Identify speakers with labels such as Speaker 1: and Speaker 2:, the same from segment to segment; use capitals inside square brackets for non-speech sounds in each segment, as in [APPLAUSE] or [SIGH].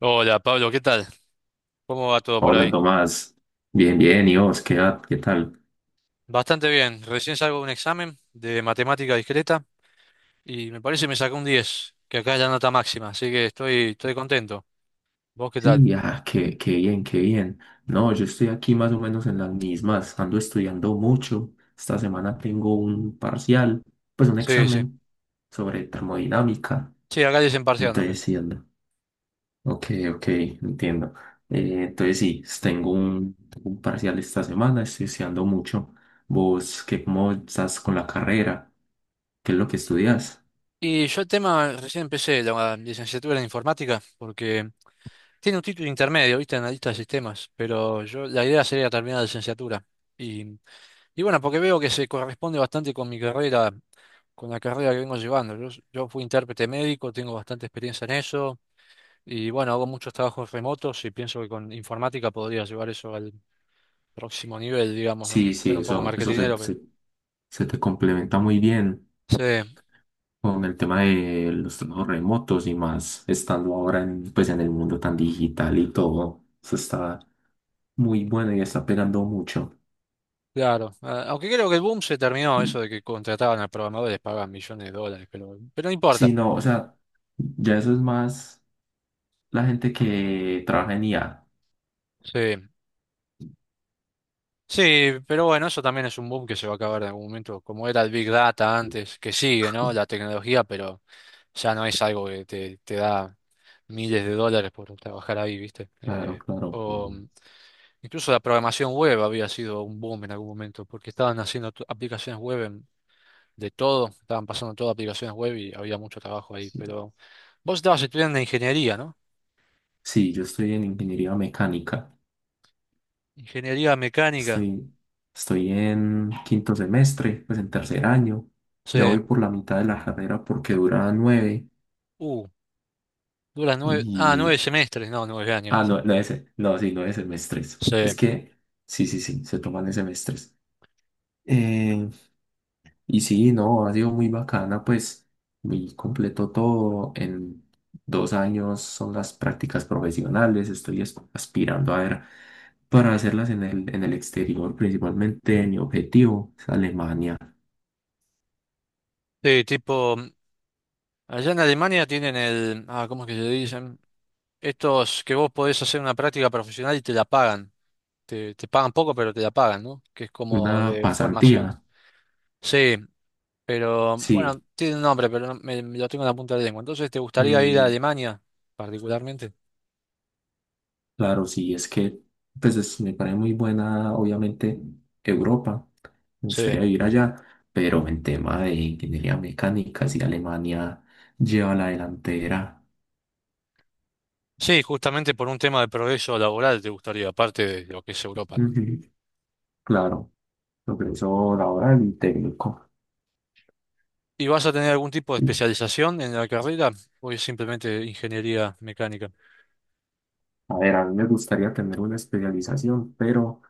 Speaker 1: Hola Pablo, ¿qué tal? ¿Cómo va todo por
Speaker 2: Hola
Speaker 1: ahí?
Speaker 2: Tomás, bien, bien, ¿y vos? ¿Qué tal?
Speaker 1: Bastante bien. Recién salgo de un examen de matemática discreta y me parece que me sacó un 10, que acá es la nota máxima, así que estoy contento. ¿Vos qué tal?
Speaker 2: Sí, ah, qué bien, qué bien. No, yo estoy aquí más o menos en las mismas, ando estudiando mucho. Esta semana tengo un parcial, pues un
Speaker 1: Sí, sí.
Speaker 2: examen sobre termodinámica.
Speaker 1: Sí, acá dicen parcial
Speaker 2: Entonces,
Speaker 1: también.
Speaker 2: sí, ando. Ok, ok, entiendo. Entonces, sí, tengo un parcial esta semana, estoy estudiando mucho. ¿Vos cómo estás con la carrera? ¿Qué es lo que estudias?
Speaker 1: Y yo el tema, recién empecé la licenciatura en informática porque tiene un título intermedio, ¿viste? Analista de sistemas, pero yo la idea sería terminar la licenciatura. Y, y bueno, porque veo que se corresponde bastante con la carrera que vengo llevando. Yo fui intérprete médico, tengo bastante experiencia en eso y bueno, hago muchos trabajos remotos y pienso que con informática podría llevar eso al próximo nivel, digamos, ¿no?
Speaker 2: Sí, sí,
Speaker 1: Suena un poco
Speaker 2: eso se,
Speaker 1: marketinero, pero
Speaker 2: se, se te complementa muy bien
Speaker 1: sí,
Speaker 2: con el tema de los trabajos remotos y más estando ahora en, pues, en el mundo tan digital y todo. Eso está muy bueno y está pegando mucho.
Speaker 1: claro. Ah, aunque creo que el boom se terminó, eso de que contrataban a programadores, pagaban millones de dólares, pero no importa.
Speaker 2: Sí, no, o sea, ya eso es más la gente que trabaja en IA.
Speaker 1: Sí. Sí, pero bueno, eso también es un boom que se va a acabar en algún momento, como era el Big Data antes, que sigue, ¿no? La tecnología, pero ya no es algo que te da miles de dólares por trabajar ahí, ¿viste?
Speaker 2: Claro,
Speaker 1: Eh,
Speaker 2: claro.
Speaker 1: o mm, incluso la programación web había sido un boom en algún momento, porque estaban haciendo aplicaciones web de todo, estaban pasando todas aplicaciones web y había mucho trabajo ahí,
Speaker 2: Sí,
Speaker 1: pero vos estabas estudiando ingeniería, ¿no?
Speaker 2: sí, yo estoy en ingeniería mecánica.
Speaker 1: Ingeniería mecánica,
Speaker 2: Estoy, estoy en quinto semestre, pues en tercer año.
Speaker 1: sí,
Speaker 2: Ya voy por la mitad de la carrera porque dura nueve.
Speaker 1: uh, dura nueve
Speaker 2: Y
Speaker 1: semestres, no, 9 años.
Speaker 2: ah, no, no es, no, sí, 9 semestres. Es
Speaker 1: Sí.
Speaker 2: que, sí, sí, sí, se toman en semestres. Eh, y sí, no, ha sido muy bacana, pues, muy completo todo. En 2 años son las prácticas profesionales. Estoy aspirando a ver para hacerlas en el exterior, principalmente mi objetivo es Alemania.
Speaker 1: Sí, tipo, allá en Alemania tienen ¿cómo es que se dicen? Estos que vos podés hacer una práctica profesional y te la pagan. Te pagan poco, pero te la pagan, ¿no? Que es
Speaker 2: Una
Speaker 1: como de
Speaker 2: pasantía,
Speaker 1: formación. Sí, pero bueno,
Speaker 2: sí.
Speaker 1: tiene un nombre, pero me lo tengo en la punta de la lengua. Entonces, ¿te gustaría ir a
Speaker 2: Mm,
Speaker 1: Alemania particularmente?
Speaker 2: claro, sí, es que pues me parece muy buena, obviamente, Europa. Me
Speaker 1: Sí.
Speaker 2: gustaría vivir allá, pero en tema de ingeniería mecánica, si Alemania lleva la delantera.
Speaker 1: Sí, justamente por un tema de progreso laboral te gustaría, aparte de lo que es Europa, ¿no?
Speaker 2: Ujú. Claro, progreso laboral y técnico.
Speaker 1: ¿Y vas a tener algún tipo de especialización en la carrera o es simplemente ingeniería mecánica?
Speaker 2: A ver, a mí me gustaría tener una especialización, pero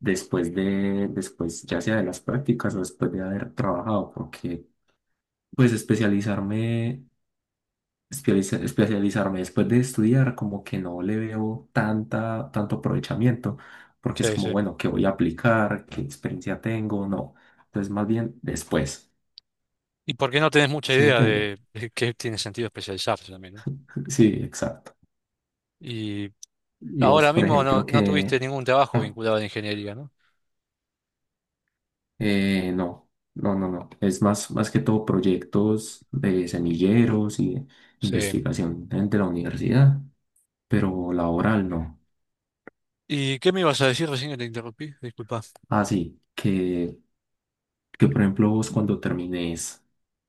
Speaker 2: después de, después ya sea de las prácticas o después de haber trabajado, porque pues especializarme. Especializarme después de estudiar, como que no le veo tanta, tanto aprovechamiento, porque es
Speaker 1: Sí,
Speaker 2: como,
Speaker 1: sí.
Speaker 2: bueno, ¿qué voy a aplicar? ¿Qué experiencia tengo? No. Entonces, más bien después.
Speaker 1: Y porque no tenés mucha
Speaker 2: ¿Sí me
Speaker 1: idea
Speaker 2: entiende?
Speaker 1: de qué tiene sentido especializarse también, ¿no?
Speaker 2: Sí, exacto.
Speaker 1: Y
Speaker 2: Y vos,
Speaker 1: ahora
Speaker 2: por
Speaker 1: mismo no,
Speaker 2: ejemplo,
Speaker 1: no
Speaker 2: que...
Speaker 1: tuviste ningún trabajo
Speaker 2: Ah,
Speaker 1: vinculado a la ingeniería, ¿no?
Speaker 2: no, no, no, no. Es más, más que todo proyectos de semilleros y
Speaker 1: Sí.
Speaker 2: investigación de la universidad, pero laboral no.
Speaker 1: ¿Y qué me ibas a decir recién que te interrumpí? Disculpa.
Speaker 2: Ah, sí, que por ejemplo vos cuando termines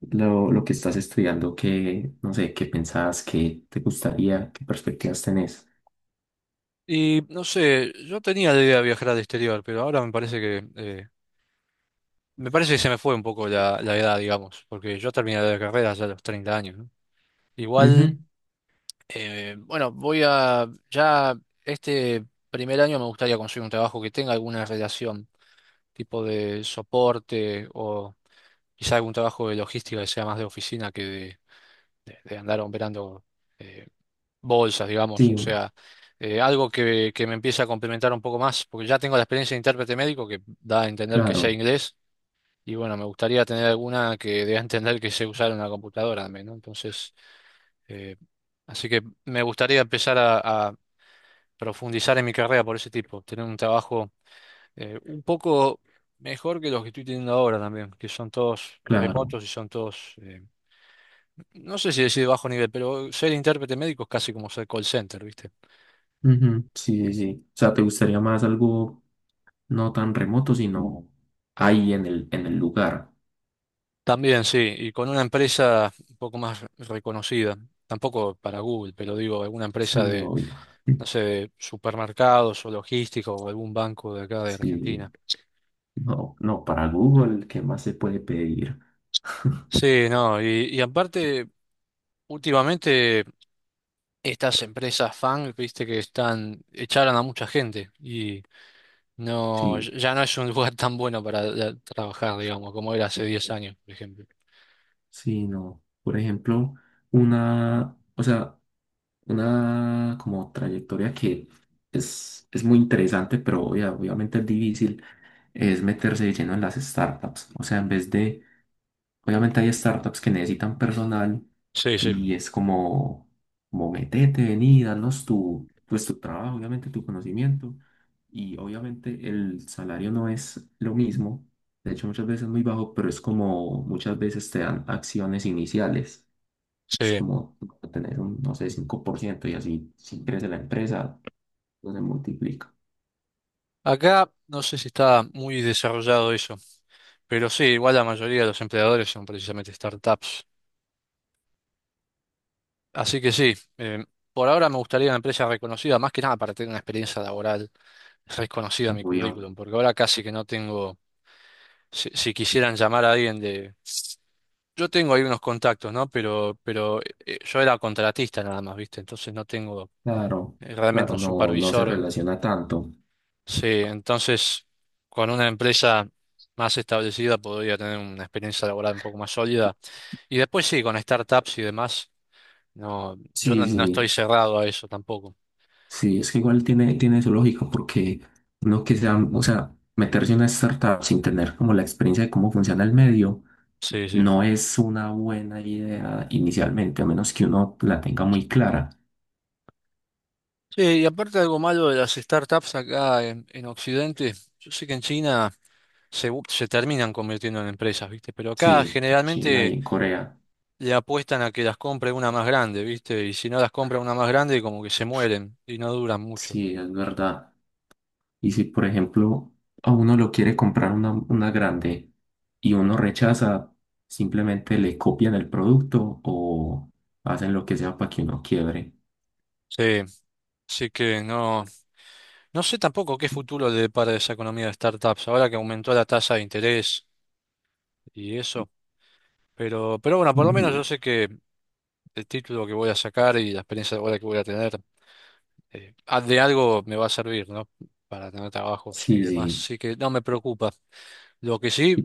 Speaker 2: lo que estás estudiando, qué, no sé, qué pensás, qué te gustaría, qué perspectivas tenés.
Speaker 1: Y no sé, yo tenía la idea de viajar al exterior, pero ahora me parece que se me fue un poco la edad, digamos, porque yo terminé la carrera ya a los 30 años, ¿no?
Speaker 2: Ujú,
Speaker 1: Igual, bueno, voy a, ya este primer año me gustaría conseguir un trabajo que tenga alguna relación, tipo de soporte o quizá algún trabajo de logística, que sea más de oficina que de andar operando eh, bolsas, digamos. O
Speaker 2: sí,
Speaker 1: sea, algo que me empiece a complementar un poco más, porque ya tengo la experiencia de intérprete médico que da a entender que sé
Speaker 2: claro,
Speaker 1: inglés. Y bueno, me gustaría tener alguna que dé a entender que sé usar una computadora también, ¿no? Entonces, eh, así que me gustaría empezar a profundizar en mi carrera por ese tipo, tener un trabajo un poco mejor que los que estoy teniendo ahora también, que son todos
Speaker 2: claro.
Speaker 1: remotos y son todos, no sé si decir bajo nivel, pero ser intérprete médico es casi como ser call center, ¿viste?
Speaker 2: Ujú, sí, sí, sí. O sea, ¿te gustaría más algo no tan remoto, sino ahí en el lugar?
Speaker 1: También, sí, y con una empresa un poco más reconocida, tampoco para Google, pero digo, alguna empresa
Speaker 2: Sí,
Speaker 1: de,
Speaker 2: obvio.
Speaker 1: no
Speaker 2: [LAUGHS]
Speaker 1: sé, de supermercados o logísticos o algún banco de acá de Argentina.
Speaker 2: Sí, no, no, para Google, ¿qué más se puede pedir? [LAUGHS]
Speaker 1: Sí, no, y aparte, últimamente estas empresas fan, viste que están, echaron a mucha gente y... No, ya
Speaker 2: Sí.
Speaker 1: ya no es un lugar tan bueno para ya trabajar, digamos, como era hace 10 años, por ejemplo.
Speaker 2: Sí, no. Por ejemplo, una, o sea, una como trayectoria que es muy interesante, pero obviamente es difícil, es meterse de lleno en las startups. O sea, en vez de obviamente hay startups que necesitan personal
Speaker 1: Sí, sí,
Speaker 2: y es como metete, vení, danos tu, pues tu trabajo, obviamente tu conocimiento y obviamente el salario no es lo mismo, de hecho muchas veces es muy bajo, pero es como muchas veces te dan acciones iniciales, es
Speaker 1: sí.
Speaker 2: como tener un, no sé, 5% y así si crece la empresa, no se multiplica.
Speaker 1: Acá no sé si está muy desarrollado eso, pero sí, igual la mayoría de los empleadores son precisamente startups. Así que sí, por ahora me gustaría una empresa reconocida, más que nada para tener una experiencia laboral reconocida en mi
Speaker 2: Obvio.
Speaker 1: currículum, porque ahora casi que no tengo, si quisieran llamar a alguien de... Yo tengo ahí unos contactos, ¿no? Pero, yo era contratista nada más, ¿viste? Entonces no tengo...
Speaker 2: Claro,
Speaker 1: realmente
Speaker 2: claro,
Speaker 1: un
Speaker 2: no, no se
Speaker 1: supervisor.
Speaker 2: relaciona tanto.
Speaker 1: Sí, entonces con una empresa más establecida podría tener una experiencia laboral un poco más sólida. Y después sí, con startups y demás, no, yo
Speaker 2: Sí,
Speaker 1: no estoy
Speaker 2: sí.
Speaker 1: cerrado a eso tampoco.
Speaker 2: Sí, es que igual tiene su lógica, porque uno que sea, o sea, meterse en una startup sin tener como la experiencia de cómo funciona el medio,
Speaker 1: Sí, sí.
Speaker 2: no es una buena idea inicialmente, a menos que uno la tenga muy clara.
Speaker 1: Sí, y aparte algo malo de las startups acá en Occidente, yo sé que en China se terminan convirtiendo en empresas, ¿viste? Pero acá
Speaker 2: Sí, China y
Speaker 1: generalmente
Speaker 2: en Corea,
Speaker 1: le apuestan a que las compre una más grande, ¿viste? Y si no las compra una más grande, como que se mueren y no duran mucho.
Speaker 2: sí, es verdad. Y si, por ejemplo, a uno lo quiere comprar una grande y uno rechaza, simplemente le copian el producto o hacen lo que sea para que uno quiebre.
Speaker 1: Sí. Así que no, sé tampoco qué futuro le depara esa economía de startups, ahora que aumentó la tasa de interés y eso. Pero, bueno, por lo menos yo
Speaker 2: Ujú.
Speaker 1: sé que el título que voy a sacar y la experiencia ahora que voy a tener, de algo me va a servir, ¿no? Para tener trabajos y
Speaker 2: Sí,
Speaker 1: demás.
Speaker 2: sí.
Speaker 1: Así que no me preocupa. Lo que sí,
Speaker 2: ¿Y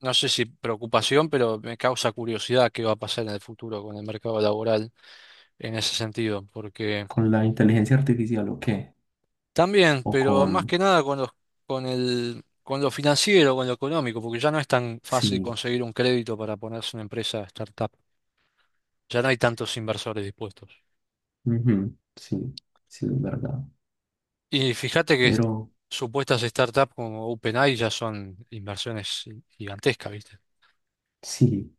Speaker 1: no sé si preocupación, pero me causa curiosidad qué va a pasar en el futuro con el mercado laboral en ese sentido, porque...
Speaker 2: con la inteligencia artificial o qué?
Speaker 1: También,
Speaker 2: O
Speaker 1: pero
Speaker 2: con...
Speaker 1: más que nada con los, con lo financiero, con lo económico, porque ya no es tan fácil
Speaker 2: Sí,
Speaker 1: conseguir un crédito para ponerse una empresa startup. Ya no hay tantos inversores dispuestos.
Speaker 2: ujú, sí, sí, es verdad.
Speaker 1: Y fíjate que
Speaker 2: Pero
Speaker 1: supuestas startups como OpenAI ya son inversiones gigantescas, ¿viste?
Speaker 2: sí,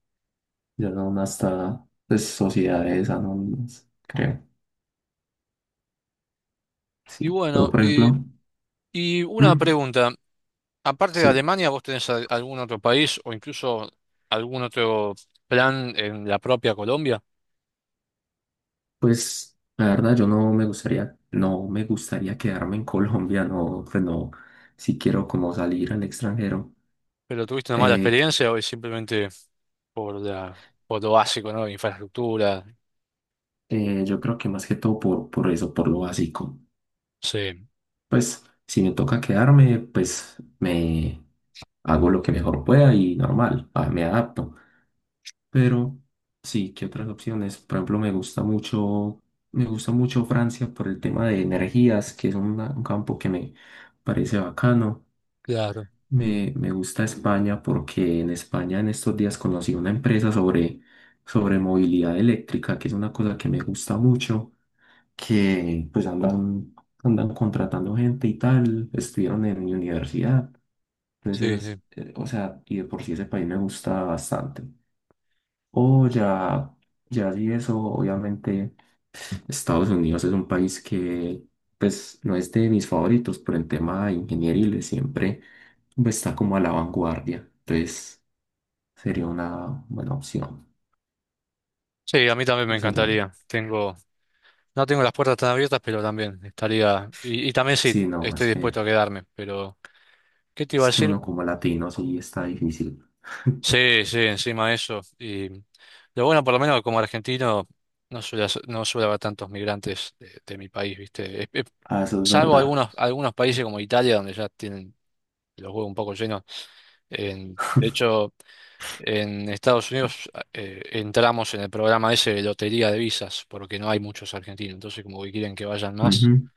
Speaker 2: ya son hasta pues, sociedades anónimas, creo. Sí.
Speaker 1: Y
Speaker 2: Pero
Speaker 1: bueno,
Speaker 2: por
Speaker 1: y,
Speaker 2: ejemplo,
Speaker 1: y una
Speaker 2: mm,
Speaker 1: pregunta. Aparte de
Speaker 2: sí,
Speaker 1: Alemania, ¿vos tenés algún otro país o incluso algún otro plan en la propia Colombia?
Speaker 2: pues la verdad yo no me gustaría, quedarme en Colombia, no, pues no, si quiero como salir al extranjero.
Speaker 1: ¿Pero tuviste una mala
Speaker 2: Eh,
Speaker 1: experiencia o es simplemente... por la, por lo básico, ¿no? Infraestructura.
Speaker 2: yo creo que más que todo por eso, por lo básico.
Speaker 1: Sí,
Speaker 2: Pues si me toca quedarme, pues me hago lo que mejor pueda y normal, ah, me adapto. Pero sí, ¿qué otras opciones? Por ejemplo, me gusta mucho Francia por el tema de energías, que es un campo que me parece bacano.
Speaker 1: claro.
Speaker 2: Me gusta España porque en España en estos días conocí una empresa sobre movilidad eléctrica, que es una cosa que me gusta mucho que pues andan contratando gente y tal, estuvieron en mi universidad, entonces
Speaker 1: Sí,
Speaker 2: esas,
Speaker 1: sí.
Speaker 2: o sea, y de por sí ese país me gusta bastante. O ya, ya sí eso, obviamente Estados Unidos es un país que pues no es de mis favoritos, pero en tema de ingeniería siempre pues, está como a la vanguardia, entonces sería una buena opción.
Speaker 1: Sí, a mí también me
Speaker 2: Sí, serían.
Speaker 1: encantaría. No tengo las puertas tan abiertas, pero también estaría, y también sí,
Speaker 2: Sí, no,
Speaker 1: estoy
Speaker 2: es que,
Speaker 1: dispuesto a quedarme. Pero, ¿qué te iba a
Speaker 2: es que
Speaker 1: decir?
Speaker 2: uno como latino sí está difícil. [LAUGHS]
Speaker 1: Sí, sí, encima de eso. Y lo bueno, por lo menos como argentino, no suele haber tantos migrantes de mi país, ¿viste?
Speaker 2: Ah, eso es
Speaker 1: Salvo
Speaker 2: verdad.
Speaker 1: algunos países como Italia, donde ya tienen los huevos un poco llenos. De hecho, en Estados Unidos entramos en el programa ese de lotería de visas, porque no hay muchos argentinos, entonces como que quieren que vayan más.
Speaker 2: Ujú.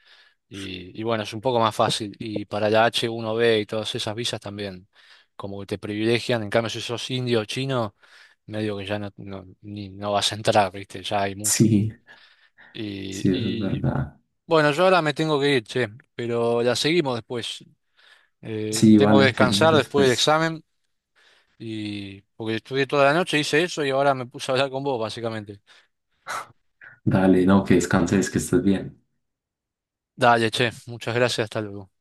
Speaker 1: Y bueno, es un poco más fácil. Y para la H1B y todas esas visas también, como que te privilegian. En cambio, si sos indio o chino, medio que ya no vas a entrar, ¿viste? Ya hay mucho.
Speaker 2: Sí,
Speaker 1: Y,
Speaker 2: sí, eso es
Speaker 1: y
Speaker 2: verdad.
Speaker 1: bueno, yo ahora me tengo que ir, che, pero la seguimos después.
Speaker 2: Sí,
Speaker 1: Tengo que
Speaker 2: vale, seguimos
Speaker 1: descansar después del
Speaker 2: después.
Speaker 1: examen. Y porque estudié toda la noche, hice eso y ahora me puse a hablar con vos, básicamente.
Speaker 2: Dale, no, que descanses, que estés bien.
Speaker 1: Dale, che, muchas gracias, hasta luego.